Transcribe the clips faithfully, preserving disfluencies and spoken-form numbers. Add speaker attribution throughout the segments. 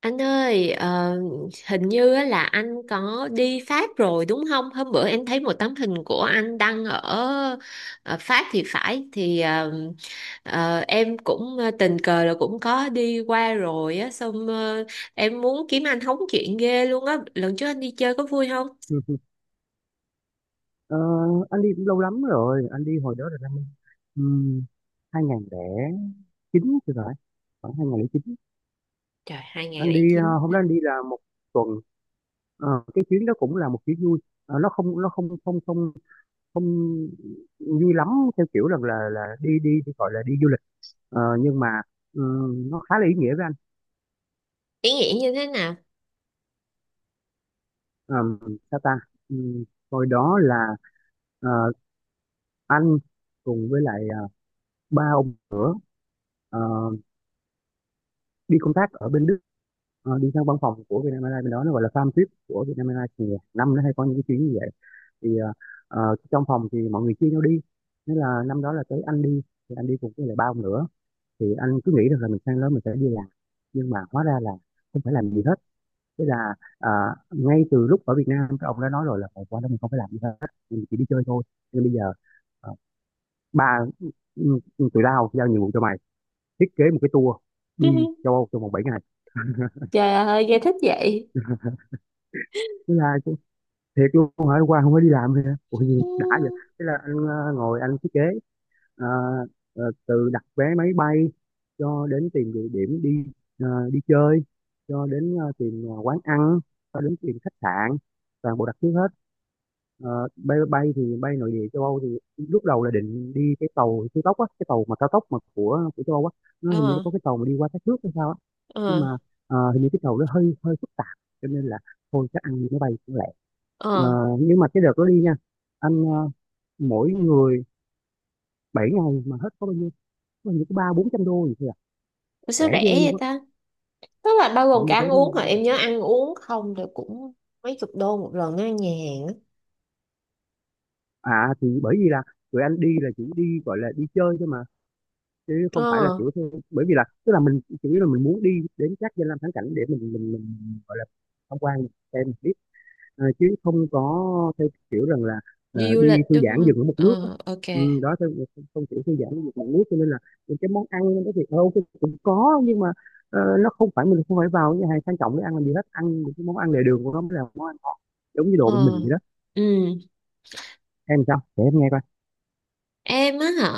Speaker 1: Anh ơi, ờ, hình như á là anh có đi Pháp rồi đúng không? Hôm bữa em thấy một tấm hình của anh đăng ở ờ, Pháp thì phải thì ờ, ờ, em cũng ờ, tình cờ là cũng có đi qua rồi á, xong ờ, em muốn kiếm anh hóng chuyện ghê luôn á. Lần trước anh đi chơi có vui không?
Speaker 2: Ừ, ừ. Ờ, anh đi cũng lâu lắm rồi, anh đi hồi đó là năm um, hai không không chín thì phải, khoảng hai không không chín.
Speaker 1: Trời,
Speaker 2: Anh đi ờ,
Speaker 1: hai nghìn không trăm lẻ chín
Speaker 2: hôm
Speaker 1: hả?
Speaker 2: đó anh đi là một tuần. Ờ, cái chuyến đó cũng là một chuyến vui. Ờ, nó không nó không không không không vui lắm, theo kiểu rằng là là đi đi đi gọi là đi du lịch. Ờ, nhưng mà ừm, nó khá là ý nghĩa với anh.
Speaker 1: Ý nghĩa như thế nào?
Speaker 2: Ờm, Sao ta. Ừm, Hồi đó là ờ, anh cùng với lại ờ, ba ông ờ, đi công tác ở bên Đức, ờ, đi sang văn phòng của Vietnam Airlines, bên đó nó gọi là farm trip của Vietnam Airlines. Thì năm nó hay có những cái chuyến như vậy, thì ờ, ờ, trong phòng thì mọi người chia nhau đi, nên là năm đó là tới anh đi. Thì anh đi cùng với lại ba ông nữa. Thì anh cứ nghĩ được là mình sang đó mình sẽ đi làm, nhưng mà hóa ra là không phải làm gì hết. Thế là ờ, ngay từ lúc ở Việt Nam các ông đã nói rồi là "Ờ, qua đó mình không phải làm gì hết, mình chỉ đi chơi thôi. Nhưng bây giờ ờ, ba ừ, ừ, tụi tao giao nhiệm vụ cho mày, thiết kế một cái tour đi châu Âu trong vòng bảy ngày."
Speaker 1: Trời ơi, nghe thích vậy.
Speaker 2: Thế là thiệt luôn hả, qua không phải đi làm hả, ủa gì đã vậy. Thế là anh ờ, ngồi anh thiết kế, ờ, ờ, từ đặt vé máy bay cho đến tìm địa điểm đi, ờ, đi chơi, cho đến ờ, tìm ờ, quán ăn, cho đến tìm khách sạn, toàn bộ đặt trước hết. Ờ, bay bay thì bay nội địa châu Âu. Thì lúc đầu là định đi cái tàu siêu tốc á, cái tàu mà cao tốc mà của của châu Âu á. Nó
Speaker 1: Ừ,
Speaker 2: hình như nó
Speaker 1: ờ
Speaker 2: có cái tàu mà đi qua các nước hay sao á. Nhưng mà
Speaker 1: ờ
Speaker 2: ờ, hình như cái tàu nó hơi hơi phức tạp, cho nên là thôi chắc ăn máy bay cũng lẹ. Ờ,
Speaker 1: ờ.
Speaker 2: nhưng mà cái đợt đó đi nha, anh ờ, mỗi người bảy ngày mà hết có bao nhiêu, có bao nhiêu có ba bốn trăm đô gì thôi à.
Speaker 1: Ủa sao
Speaker 2: Rẻ ghê
Speaker 1: rẻ
Speaker 2: luôn
Speaker 1: vậy
Speaker 2: á.
Speaker 1: ta? Tức là bao
Speaker 2: Phải
Speaker 1: gồm
Speaker 2: mua
Speaker 1: cả
Speaker 2: vé
Speaker 1: ăn
Speaker 2: máy bay
Speaker 1: uống hả?
Speaker 2: giá
Speaker 1: Em nhớ
Speaker 2: rẻ.
Speaker 1: ăn uống không thì cũng mấy chục đô một lần á, nhà hàng á.
Speaker 2: À thì bởi vì là tụi anh đi là chỉ đi gọi là đi chơi thôi mà, chứ không phải là
Speaker 1: Ờ,
Speaker 2: kiểu theo- bởi vì là tức là mình chủ yếu là mình muốn đi đến các danh lam thắng cảnh để mình mình mình gọi là tham quan, xem. Ờ, chứ không có theo kiểu rằng là ờ,
Speaker 1: đi du
Speaker 2: đi
Speaker 1: lịch
Speaker 2: thư
Speaker 1: đúng
Speaker 2: giãn dừng
Speaker 1: không?
Speaker 2: ở một nước á.
Speaker 1: Ờ, ok.
Speaker 2: Ừ đó, theo không, không kiểu thư giãn dừng một nước. Cho nên là những cái món ăn cái thì ờ, ok cũng có, nhưng mà ờ, nó không phải, mình không phải vào những nhà hàng sang trọng để ăn làm gì hết. Ăn những cái món ăn lề đường của nó mới là món ăn ngon, giống như đồ bên
Speaker 1: Ờ.
Speaker 2: mình vậy đó.
Speaker 1: Ừ.
Speaker 2: Em sao, để em nghe coi.
Speaker 1: Em á hả?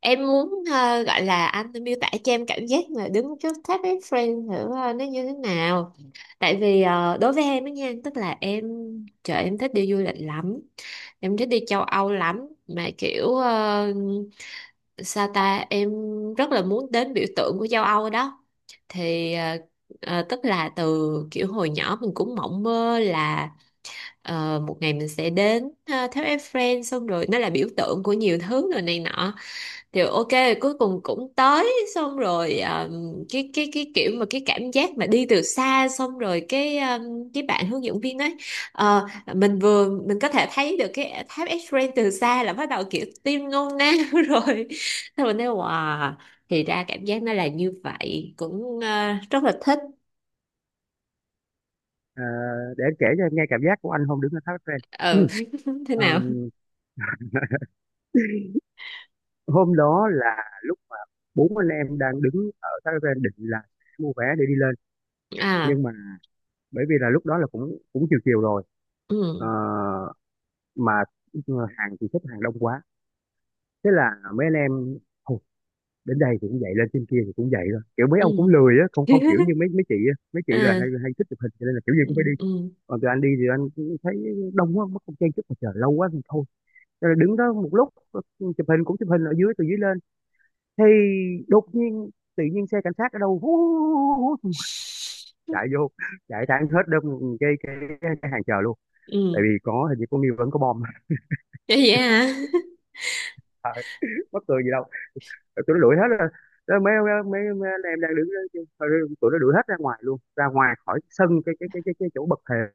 Speaker 1: Em muốn ờ, gọi là anh miêu tả cho em cảm giác mà đứng trước tháp Eiffel thử ờ, nó như thế nào. Tại vì ờ, đối với em á nha, tức là em, trời em thích đi du lịch lắm. Em thích đi châu Âu lắm mà kiểu ờ, sao ta, em rất là muốn đến biểu tượng của châu Âu đó thì ờ, ờ, tức là từ kiểu hồi nhỏ mình cũng mộng mơ là ờ, một ngày mình sẽ đến ờ, tháp Eiffel, xong rồi nó là biểu tượng của nhiều thứ rồi này nọ thì ok, cuối cùng cũng tới, xong rồi um, cái cái cái kiểu mà cái cảm giác mà đi từ xa xong rồi cái um, cái bạn hướng dẫn viên ấy, ờ, mình vừa mình có thể thấy được cái tháp Eiffel từ xa là bắt đầu kiểu tim ngôn nao rồi, xong mình nói wow, thì ra cảm giác nó là như vậy cũng ờ, rất là thích.
Speaker 2: Ờ, để em kể cho em nghe cảm giác của anh hôm đứng ở tháp Eiffel.
Speaker 1: Ừ thế
Speaker 2: Ờ,
Speaker 1: nào?
Speaker 2: Hôm đó là lúc mà bốn anh em đang đứng ở tháp Eiffel, định là mua vé để đi lên.
Speaker 1: À.
Speaker 2: Nhưng mà bởi vì là lúc đó là cũng cũng chiều chiều rồi. Ờ,
Speaker 1: Ừ.
Speaker 2: mà hàng thì xếp hàng đông quá. Thế là mấy anh em "Thôi, đến đây thì cũng vậy, lên trên kia thì cũng vậy thôi." Kiểu mấy
Speaker 1: Ừ.
Speaker 2: ông cũng lười á, không không, kiểu như mấy mấy chị á, mấy chị là
Speaker 1: À.
Speaker 2: hay hay thích chụp hình cho nên là kiểu gì
Speaker 1: Ừ.
Speaker 2: cũng phải đi.
Speaker 1: Ừ.
Speaker 2: Còn tụi anh đi thì anh cũng thấy đông quá mất, không chen chúc mà chờ lâu quá thì thôi. Thế là đứng đó một lúc, ờ, chụp hình, cũng chụp hình ở dưới, từ dưới lên. Thì đột nhiên tự nhiên xe cảnh sát ở đâu hú, hú, hú, hú, chạy vô, chạy thẳng hết đông cái cái, cái hàng chờ luôn. Tại
Speaker 1: Ừ.
Speaker 2: vì có hình như có nghi vấn có bom.
Speaker 1: Vậy hả?
Speaker 2: À, mắc cười gì đâu, tụi nó đuổi hết ra. Rồi mấy mấy mấy anh em đang đứng đó, tụi nó đuổi hết ra ngoài luôn, ra ngoài khỏi sân cái cái cái cái, cái chỗ bậc thềm,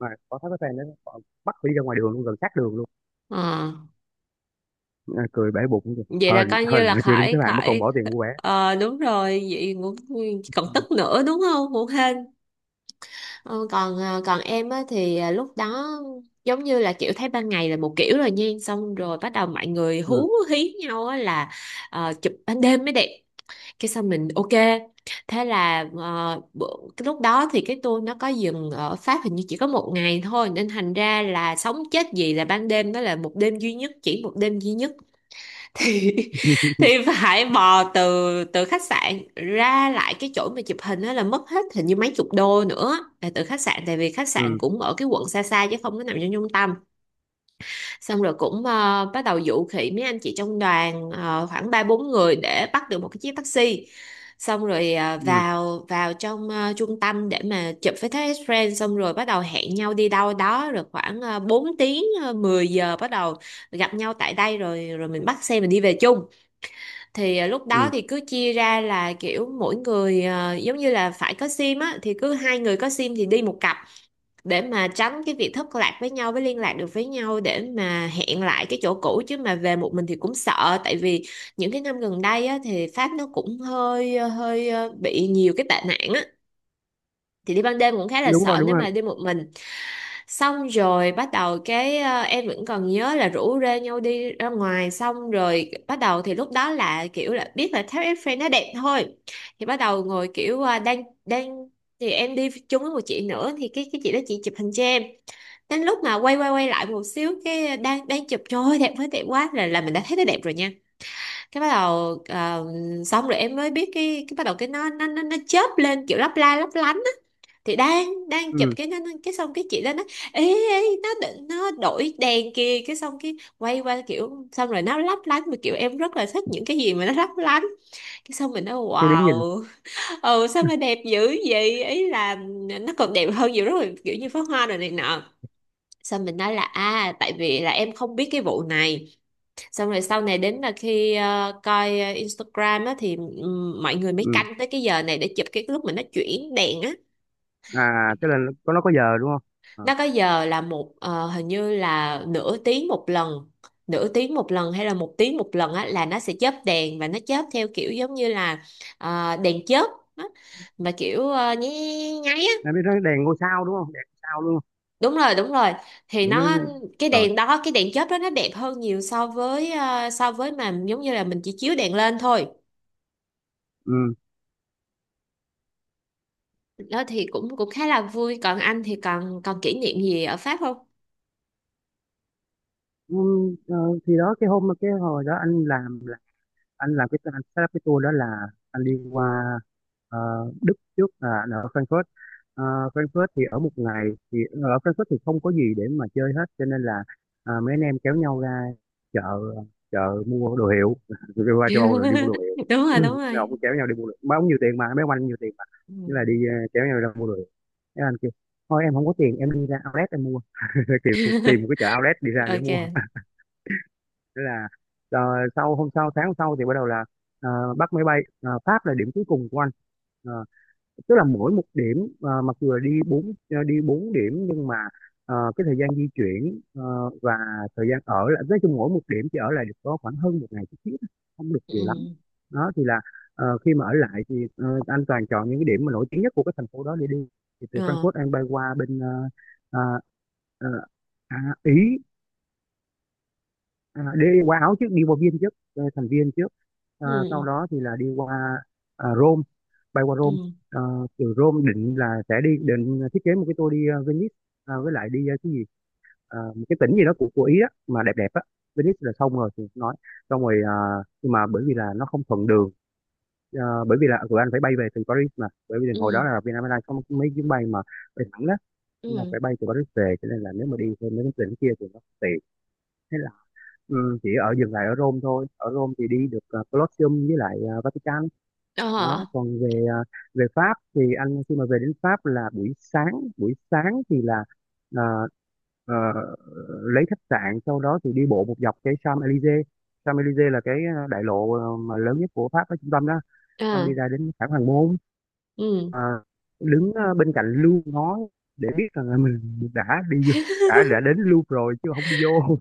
Speaker 2: mà có thấy cái fan đó, họ bắt đi ra ngoài đường luôn, gần sát đường luôn.
Speaker 1: Ờ.
Speaker 2: À, cười bể bụng kìa.
Speaker 1: Vậy là
Speaker 2: Hên
Speaker 1: coi như
Speaker 2: hên
Speaker 1: là
Speaker 2: là chưa đứng xếp
Speaker 1: khỏi
Speaker 2: hạng mà còn
Speaker 1: khỏi.
Speaker 2: bỏ tiền mua vé.
Speaker 1: Ờ đúng rồi vậy cũng còn
Speaker 2: Ừ.
Speaker 1: tức nữa đúng không, cũng hên. Ờ, còn ờ, còn em á thì ờ, lúc đó giống như là kiểu thấy ban ngày là một kiểu rồi nha, xong rồi bắt đầu mọi người
Speaker 2: Ừ.
Speaker 1: hú hí nhau á là ờ, chụp ban đêm mới đẹp, cái xong mình ok, thế là ờ, bữa- cái lúc đó thì cái tour nó có dừng ở Pháp hình như chỉ có một ngày thôi nên thành ra là sống chết gì là ban đêm đó là một đêm duy nhất, chỉ một đêm duy nhất thì thì phải bò từ từ khách sạn ra lại cái chỗ mà chụp hình đó là mất hết hình như mấy chục đô nữa là từ khách sạn, tại vì khách sạn
Speaker 2: Ừ,
Speaker 1: cũng ở cái quận xa xa chứ không có nằm trong trung tâm, xong rồi cũng ờ, bắt đầu dụ khỉ mấy anh chị trong đoàn ờ, khoảng ba bốn người để bắt được một cái chiếc taxi, xong rồi ờ,
Speaker 2: ừ,
Speaker 1: vào vào trong ờ, trung tâm để mà chụp với thế friend, xong rồi bắt đầu hẹn nhau đi đâu đó rồi khoảng uh, bốn tiếng uh, mười giờ bắt đầu gặp nhau tại đây, rồi rồi mình bắt xe mình đi về chung, thì à, lúc đó
Speaker 2: ừ.
Speaker 1: thì cứ chia ra là kiểu mỗi người à, giống như là phải có sim á thì cứ hai người có sim thì đi một cặp để mà tránh cái việc thất lạc với nhau, với liên lạc được với nhau để mà hẹn lại cái chỗ cũ, chứ mà về một mình thì cũng sợ, tại vì những cái năm gần đây á thì Pháp nó cũng hơi ờ, hơi à, bị nhiều cái tệ nạn á, thì đi ban đêm cũng khá là
Speaker 2: Đúng rồi,
Speaker 1: sợ
Speaker 2: đúng
Speaker 1: nếu
Speaker 2: rồi.
Speaker 1: mà đi một mình, xong rồi bắt đầu cái ờ, em vẫn còn nhớ là rủ rê nhau đi ra ngoài, xong rồi bắt đầu thì lúc đó là kiểu là biết là tháp Eiffel nó đẹp thôi, thì bắt đầu ngồi kiểu ờ, đang đang thì em đi chung với một chị nữa thì cái cái chị đó chị chụp hình cho em, đến lúc mà quay quay quay lại một xíu cái đang đang chụp trời ơi đẹp quá, đẹp quá là là mình đã thấy nó đẹp rồi nha, cái bắt đầu ờ, xong rồi em mới biết cái cái bắt đầu cái nó nó nó nó chớp lên kiểu lấp la lấp lánh, thì đang đang chụp
Speaker 2: Ừ,
Speaker 1: cái nó nó- cái xong cái chị đó nói ê, ê nó đ- nó đổi đèn kìa, cái xong cái quay qua kiểu xong rồi nó lấp lánh, mà kiểu em rất là thích những cái gì mà nó lấp lánh, cái xong mình nói
Speaker 2: thì đứng nhìn.
Speaker 1: wow, ừ sao mà đẹp dữ vậy, ý là nó còn đẹp hơn nhiều, rất là kiểu như pháo hoa rồi này nọ, xong mình nói là à tại vì là em không biết cái vụ này, xong rồi sau này đến là khi ờ, coi ờ, Instagram á, thì ừm, mọi người mới
Speaker 2: Ừ.
Speaker 1: canh tới cái giờ này để chụp cái lúc mà nó chuyển đèn á.
Speaker 2: À, tức là nó có nó có giờ đúng không. À.
Speaker 1: Nó có giờ là một ờ, hình như là nửa tiếng một lần, nửa tiếng một lần hay là một tiếng một lần á, là nó sẽ chớp đèn và nó chớp theo kiểu giống như là ờ, đèn chớp á, mà kiểu uh, nháy nháy á,
Speaker 2: Nó biết nó đèn ngôi sao đúng không, đèn ngôi sao luôn.
Speaker 1: đúng rồi đúng rồi thì
Speaker 2: Vậy nó-
Speaker 1: nó cái
Speaker 2: Rồi.
Speaker 1: đèn đó, cái đèn chớp đó nó đẹp hơn nhiều so với ờ, so với mà giống như là mình chỉ chiếu đèn lên thôi,
Speaker 2: Ừ.
Speaker 1: đó thì cũng cũng khá là vui, còn anh thì còn còn kỷ niệm gì ở Pháp không?
Speaker 2: Ừ, ờ, thì đó, cái hôm cái hồi đó anh làm là anh làm, cái anh set up cái tour đó là anh đi qua ờ, Đức trước, à, là anh ở Frankfurt. Ờ, Frankfurt thì ở một ngày. Thì ờ, ở Frankfurt thì không có gì để mà chơi hết, cho nên là à, mấy anh em kéo nhau ra chợ, chợ mua đồ hiệu. Rồi qua châu Âu rồi đi mua đồ hiệu.
Speaker 1: Đúng rồi, đúng
Speaker 2: Mấy
Speaker 1: rồi.
Speaker 2: ông cũng kéo nhau đi mua đồ, mấy ông nhiều tiền mà, mấy ông anh nhiều tiền mà.
Speaker 1: Ừ.
Speaker 2: Thế là đi ờ, kéo nhau ra mua đồ hiệu. Thế anh kêu thôi em không có tiền, em đi ra outlet em mua. Kiểu tìm một cái chợ outlet đi ra để
Speaker 1: Ok.
Speaker 2: mua. Thế là ờ, sau hôm sau tháng hôm sau thì bắt đầu là ờ, bắt máy bay, ờ, Pháp là điểm cuối cùng của anh. Ờ, Tức là mỗi một điểm ờ, mặc dù là đi bốn ờ, đi bốn điểm, nhưng mà ờ, cái thời gian di chuyển ờ, và thời gian ở là nói chung mỗi một điểm chỉ ở lại được có khoảng hơn một ngày chút xíu thôi, không được nhiều lắm.
Speaker 1: Ừ.
Speaker 2: Đó thì là ờ, khi mà ở lại thì ờ, anh toàn chọn những cái điểm mà nổi tiếng nhất của cái thành phố đó để đi. Thì từ
Speaker 1: Ờ.
Speaker 2: Frankfurt anh bay qua bên ờ, ờ, ờ, à, Ý. À, đi qua Áo trước, đi qua Viên trước, ờ, thành Viên trước. À, sau
Speaker 1: Ừ.
Speaker 2: đó thì là đi qua à, Rome, bay qua Rome.
Speaker 1: Ừ.
Speaker 2: À, từ Rome định là sẽ đi định thiết kế một cái tour đi ờ, Venice, à, với lại đi ờ, cái gì, à, một cái tỉnh gì đó của của Ý đó mà đẹp đẹp á. Venice là xong rồi thì nói. Xong rồi à, nhưng mà bởi vì là nó không thuận đường. Ờ, bởi vì là tụi anh phải bay về từ Paris, mà bởi vì hồi
Speaker 1: Ừ.
Speaker 2: đó là Vietnam Airlines có mấy chuyến bay mà bay thẳng đó, nên là
Speaker 1: Ừ.
Speaker 2: phải bay từ Paris về, cho nên là nếu mà đi thêm mấy cái tỉnh kia thì nó không tiện. Thế. Ừ, chỉ ở dừng lại ở Rome thôi. Ở Rome thì đi được ờ, Colosseum với lại ờ, Vatican.
Speaker 1: Ờ.
Speaker 2: Đó. Còn về ờ, về Pháp thì anh khi mà về đến Pháp là buổi sáng. Buổi sáng thì là ờ, ờ, lấy khách sạn, sau đó thì đi bộ một dọc cái Champs-Élysées. Champs-Élysées là cái ờ, đại lộ ờ, mà lớn nhất của Pháp ở trung tâm đó.
Speaker 1: Ờ.
Speaker 2: Xong đi ra đến Thảo Hoàng Môn,
Speaker 1: Ừ.
Speaker 2: ờ, đứng ờ, bên cạnh Louvre ngó để biết rằng là mình đã đi đã đã đến Louvre rồi, chứ không đi vô.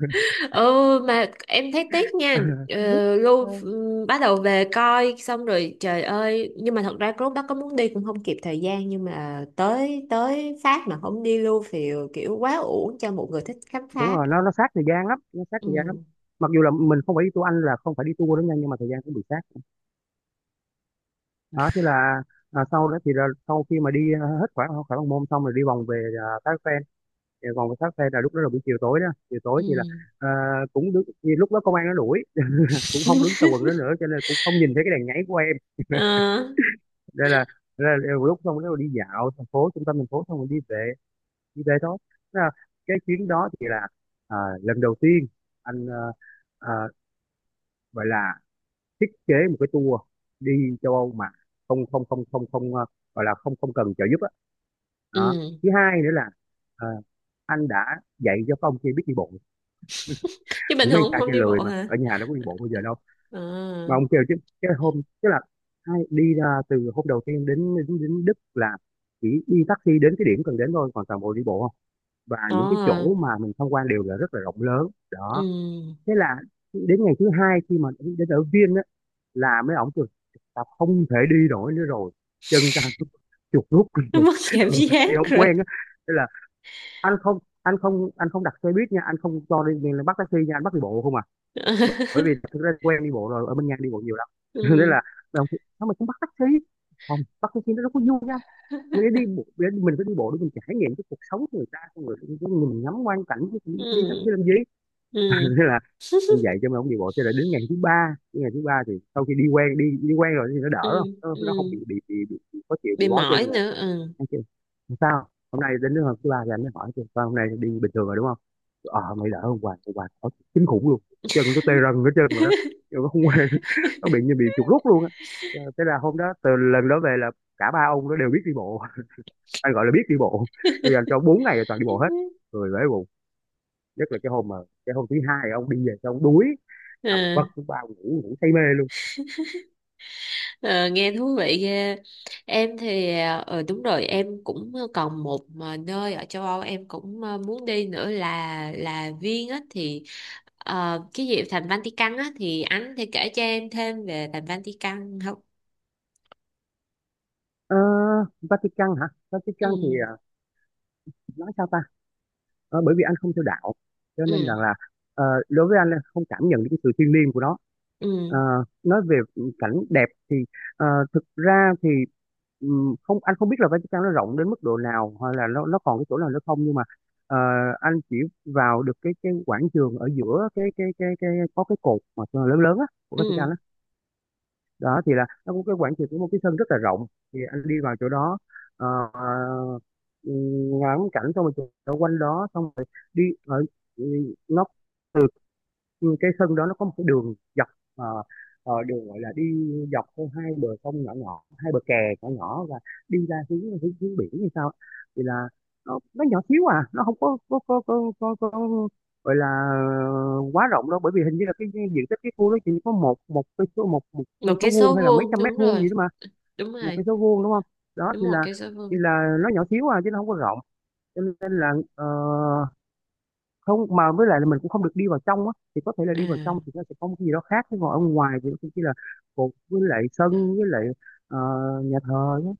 Speaker 1: Ừ, mà em thấy tiếc nha. Ờ, Lu ừ, bắt đầu về coi xong rồi trời ơi, nhưng mà thật ra lúc đó có muốn đi cũng không kịp thời gian, nhưng mà tới tới Pháp mà không đi Lu thì kiểu quá uổng cho một người thích khám
Speaker 2: Đúng
Speaker 1: phá.
Speaker 2: rồi, nó nó sát thời gian lắm, nó sát thời gian lắm.
Speaker 1: Ừ.
Speaker 2: Mặc dù là mình không phải đi tour, Anh là không phải đi tour đó nha, nhưng mà thời gian cũng bị sát. Đó. Thế là à, sau đó thì là sau khi mà đi à, hết khoảng khoảng Bằng Môn, xong rồi đi vòng về à, Thác Phen. Thì vòng về Thác Phen là lúc đó là buổi chiều tối đó. Chiều tối thì là
Speaker 1: Ừ.
Speaker 2: à, cũng đứng. Thì lúc đó công an nó đuổi. Cũng không đứng sau quần đó nữa cho nên cũng không nhìn thấy cái đèn nháy của em.
Speaker 1: Ờ,
Speaker 2: đây là, Đây là lúc xong rồi đi dạo thành phố, trung tâm thành phố xong rồi đi về, đi về thôi. Thế là cái chuyến đó thì là à, lần đầu tiên anh à, à, gọi là thiết kế một cái tour đi châu Âu mà không không không không không ờ, gọi là không không cần trợ giúp á. Đó.
Speaker 1: ừ,
Speaker 2: Thứ hai nữa là ờ, anh đã dạy cho các ông kia biết đi bộ.
Speaker 1: chứ bình
Speaker 2: Những mấy
Speaker 1: thường
Speaker 2: anh
Speaker 1: cũng
Speaker 2: trai
Speaker 1: không
Speaker 2: kia
Speaker 1: đi
Speaker 2: lười,
Speaker 1: bộ
Speaker 2: mà
Speaker 1: hả?
Speaker 2: ở nhà đâu có đi bộ bao giờ đâu, mà
Speaker 1: Ờ.
Speaker 2: ông kêu chứ. Cái hôm tức là hai đi ra từ hôm đầu tiên đến đến, đến Đức là chỉ đi taxi đến cái điểm cần đến thôi, còn toàn bộ đi bộ không. Và
Speaker 1: Ờ.
Speaker 2: những cái chỗ mà mình tham quan đều là rất là rộng lớn đó.
Speaker 1: Ừ.
Speaker 2: Thế là đến ngày thứ hai khi mà đến ở Viên là mấy ổng kêu tao không thể đi nổi nữa rồi, chân tao chuột rút
Speaker 1: Nó
Speaker 2: rồi.
Speaker 1: mất cảm giác
Speaker 2: Đi không
Speaker 1: rồi.
Speaker 2: quen á. Thế là anh không anh không anh không đặt xe buýt nha, anh không cho đi liền bắt taxi nha, anh bắt đi bộ không à. Bởi vì thực ra quen đi bộ rồi, ở bên nha đi bộ nhiều lắm. Nên là
Speaker 1: Ừ.
Speaker 2: đồng chí, sao mà không bắt taxi? Không bắt taxi nó đâu có vui nha. Mình để đi bộ, mình phải đi bộ để mình trải nghiệm cái cuộc sống của người ta, người người mình ngắm quang cảnh. Đi taxi
Speaker 1: Ừ.
Speaker 2: làm gì?
Speaker 1: Ừ.
Speaker 2: Thế là anh dạy cho mấy ông đi bộ cho đến đến ngày thứ ba. Đến ngày thứ ba thì sau khi đi quen đi đi quen rồi thì nó đỡ, không
Speaker 1: Ừ.
Speaker 2: nó,
Speaker 1: Ừ,
Speaker 2: nó không bị bị bị, bị, bị khó chịu, bị
Speaker 1: bị
Speaker 2: bó
Speaker 1: mỏi
Speaker 2: chân nữa.
Speaker 1: nữa, ừ.
Speaker 2: Anh kêu sao hôm nay đến đứa hôm thứ ba thì anh mới hỏi kêu "Sao hôm nay đi bình thường rồi đúng không? Ờ mày đỡ, hôm qua hôm qua ở kinh khủng luôn, chân nó tê rần hết trơn mà đó, nhưng nó không quen." Nó bị như bị chuột rút luôn á. Ờ, thế là hôm đó từ lần đó về là cả ba ông nó đều biết đi bộ, anh gọi là biết đi bộ. Bây giờ cho bốn ngày là toàn đi bộ hết, người bể bụng. Nhất là cái hôm mà cái hôm thứ hai ông đi về xong ông đuối,
Speaker 1: Ờ,
Speaker 2: nằm vật cũng bao ngủ, ngủ say mê luôn.
Speaker 1: ờ, nghe thú vị ghê. Em thì ờ ừ, đúng rồi, em cũng còn một mà nơi ở châu Âu em cũng ờ, muốn đi nữa là là Viên á, thì ờ, cái gì thành Vatican á, thì anh thì kể cho em thêm về thành Vatican không?
Speaker 2: Ờ, Vatican hả?
Speaker 1: Ừ.
Speaker 2: Vatican thì à, nói sao ta. Ờ, bởi vì anh không theo đạo cho nên rằng
Speaker 1: Ừ.
Speaker 2: là ờ, đối với anh là không cảm nhận được cái sự thiêng liêng của nó. Ờ,
Speaker 1: Ừ.
Speaker 2: nói về cảnh đẹp ờ, thực ra thì ừm, không, anh không biết là Vatican nó rộng đến mức độ nào hoặc là nó nó còn cái chỗ nào nữa không, nhưng mà ờ, anh chỉ vào được cái cái quảng trường ở giữa cái cái cái cái có cái cột mà lớn lớn á của
Speaker 1: Ừ,
Speaker 2: Vatican á. Đó thì là nó cũng cái quảng trường của một cái sân rất là rộng. Thì anh đi vào chỗ đó, ờ, ừ, ngắm cảnh xong rồi chụp ở quanh đó xong rồi đi ở ừ, nó từ cái sân đó nó có một cái đường dọc. ờ, ờ, Đường gọi là đi dọc theo hai bờ sông nhỏ nhỏ, hai bờ kè nhỏ nhỏ, và đi ra hướng hướng, hướng biển như sao. Thì là nó, nó nhỏ xíu à, nó không có có có có, có, có gọi là quá rộng đâu. Bởi vì hình như là cái diện tích cái khu đó chỉ có một một cái số một cây
Speaker 1: một
Speaker 2: số
Speaker 1: cái
Speaker 2: vuông
Speaker 1: số
Speaker 2: hay là mấy
Speaker 1: vuông
Speaker 2: trăm mét
Speaker 1: đúng
Speaker 2: vuông
Speaker 1: rồi,
Speaker 2: gì đó mà.
Speaker 1: đúng
Speaker 2: Một cái
Speaker 1: rồi,
Speaker 2: số vuông đúng không? Đó
Speaker 1: đúng
Speaker 2: thì
Speaker 1: một
Speaker 2: là
Speaker 1: cái số
Speaker 2: thì
Speaker 1: vuông.
Speaker 2: là nó nhỏ xíu à chứ nó không có rộng. Cho nên là ờ, không, mà với lại là mình cũng không được đi vào trong á, thì có thể là đi vào trong
Speaker 1: À.
Speaker 2: thì nó sẽ có một cái gì đó khác, chứ ngồi ở ngoài thì cũng chỉ là cột với lại sân với lại ờ, nhà thờ nhé.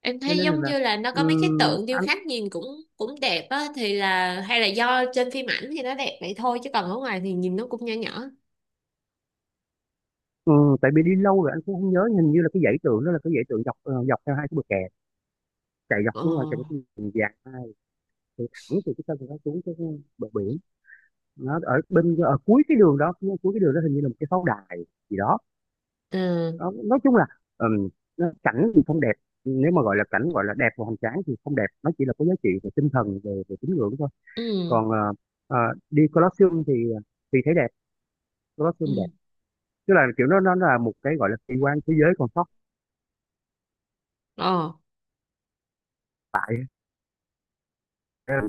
Speaker 1: Em
Speaker 2: Cho
Speaker 1: thấy
Speaker 2: nên là,
Speaker 1: giống
Speaker 2: là
Speaker 1: như là nó có mấy cái
Speaker 2: ừm,
Speaker 1: tượng điêu
Speaker 2: anh
Speaker 1: khắc nhìn cũng cũng đẹp á, thì là hay là do trên phim ảnh thì nó đẹp vậy thôi chứ còn ở ngoài thì nhìn nó cũng nhỏ nhỏ.
Speaker 2: ừm, tại vì đi lâu rồi anh cũng không nhớ, hình như là cái dãy tượng đó là cái dãy tượng dọc, ờ, dọc theo hai cái bờ kè chạy dọc
Speaker 1: Ờ.
Speaker 2: xuống, là chạy cái đường dài hai từ thẳng từ cái sân nó xuống cái bờ biển. Nó ở bên ở cuối cái đường đó, cuối cái đường đó hình như là một cái pháo đài gì đó.
Speaker 1: Ừ.
Speaker 2: nó, nói chung là ừm, nó- cảnh thì không đẹp. Nếu mà gọi là cảnh gọi là đẹp và hoành tráng thì không đẹp, nó chỉ là có giá trị về tinh thần, về về tín ngưỡng thôi.
Speaker 1: Ừ.
Speaker 2: Còn ờ, ờ, đi Colosseum thì ờ, thì thấy đẹp, Colosseum đẹp.
Speaker 1: Ừ.
Speaker 2: Tức là kiểu nó nó là một cái gọi là kỳ quan thế giới còn sót
Speaker 1: Ờ.
Speaker 2: lại. Đây,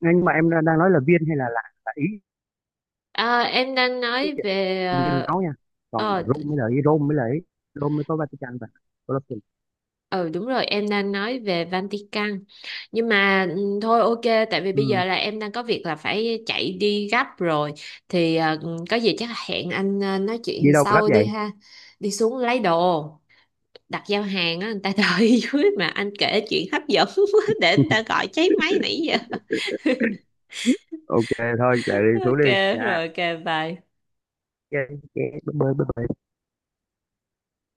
Speaker 2: nhưng mà em đang nói là Viên hay là là, là ý?
Speaker 1: À, em đang nói về
Speaker 2: Viên
Speaker 1: ờ
Speaker 2: nói nha, còn
Speaker 1: ờ,
Speaker 2: Rome mới là ý, Rome mới là ý, Rome mới có Vatican và Colosseum.
Speaker 1: ừ đúng rồi em đang nói về Vatican, nhưng mà ừ, thôi ok, tại vì bây
Speaker 2: Ừ.
Speaker 1: giờ là em đang có việc là phải chạy đi gấp rồi, thì ờ, có gì chắc hẹn anh ờ, nói
Speaker 2: Đi
Speaker 1: chuyện
Speaker 2: đâu mà gấp
Speaker 1: sau đi
Speaker 2: vậy?
Speaker 1: ha. Đi xuống lấy đồ đặt giao hàng á, người ta đợi dưới mà anh kể chuyện hấp dẫn quá để người ta gọi cháy máy nãy giờ.
Speaker 2: OK thôi chạy đi xuống
Speaker 1: Ok
Speaker 2: đi nha.
Speaker 1: rồi, ok, bye.
Speaker 2: OK, OK, bye bye bye bye.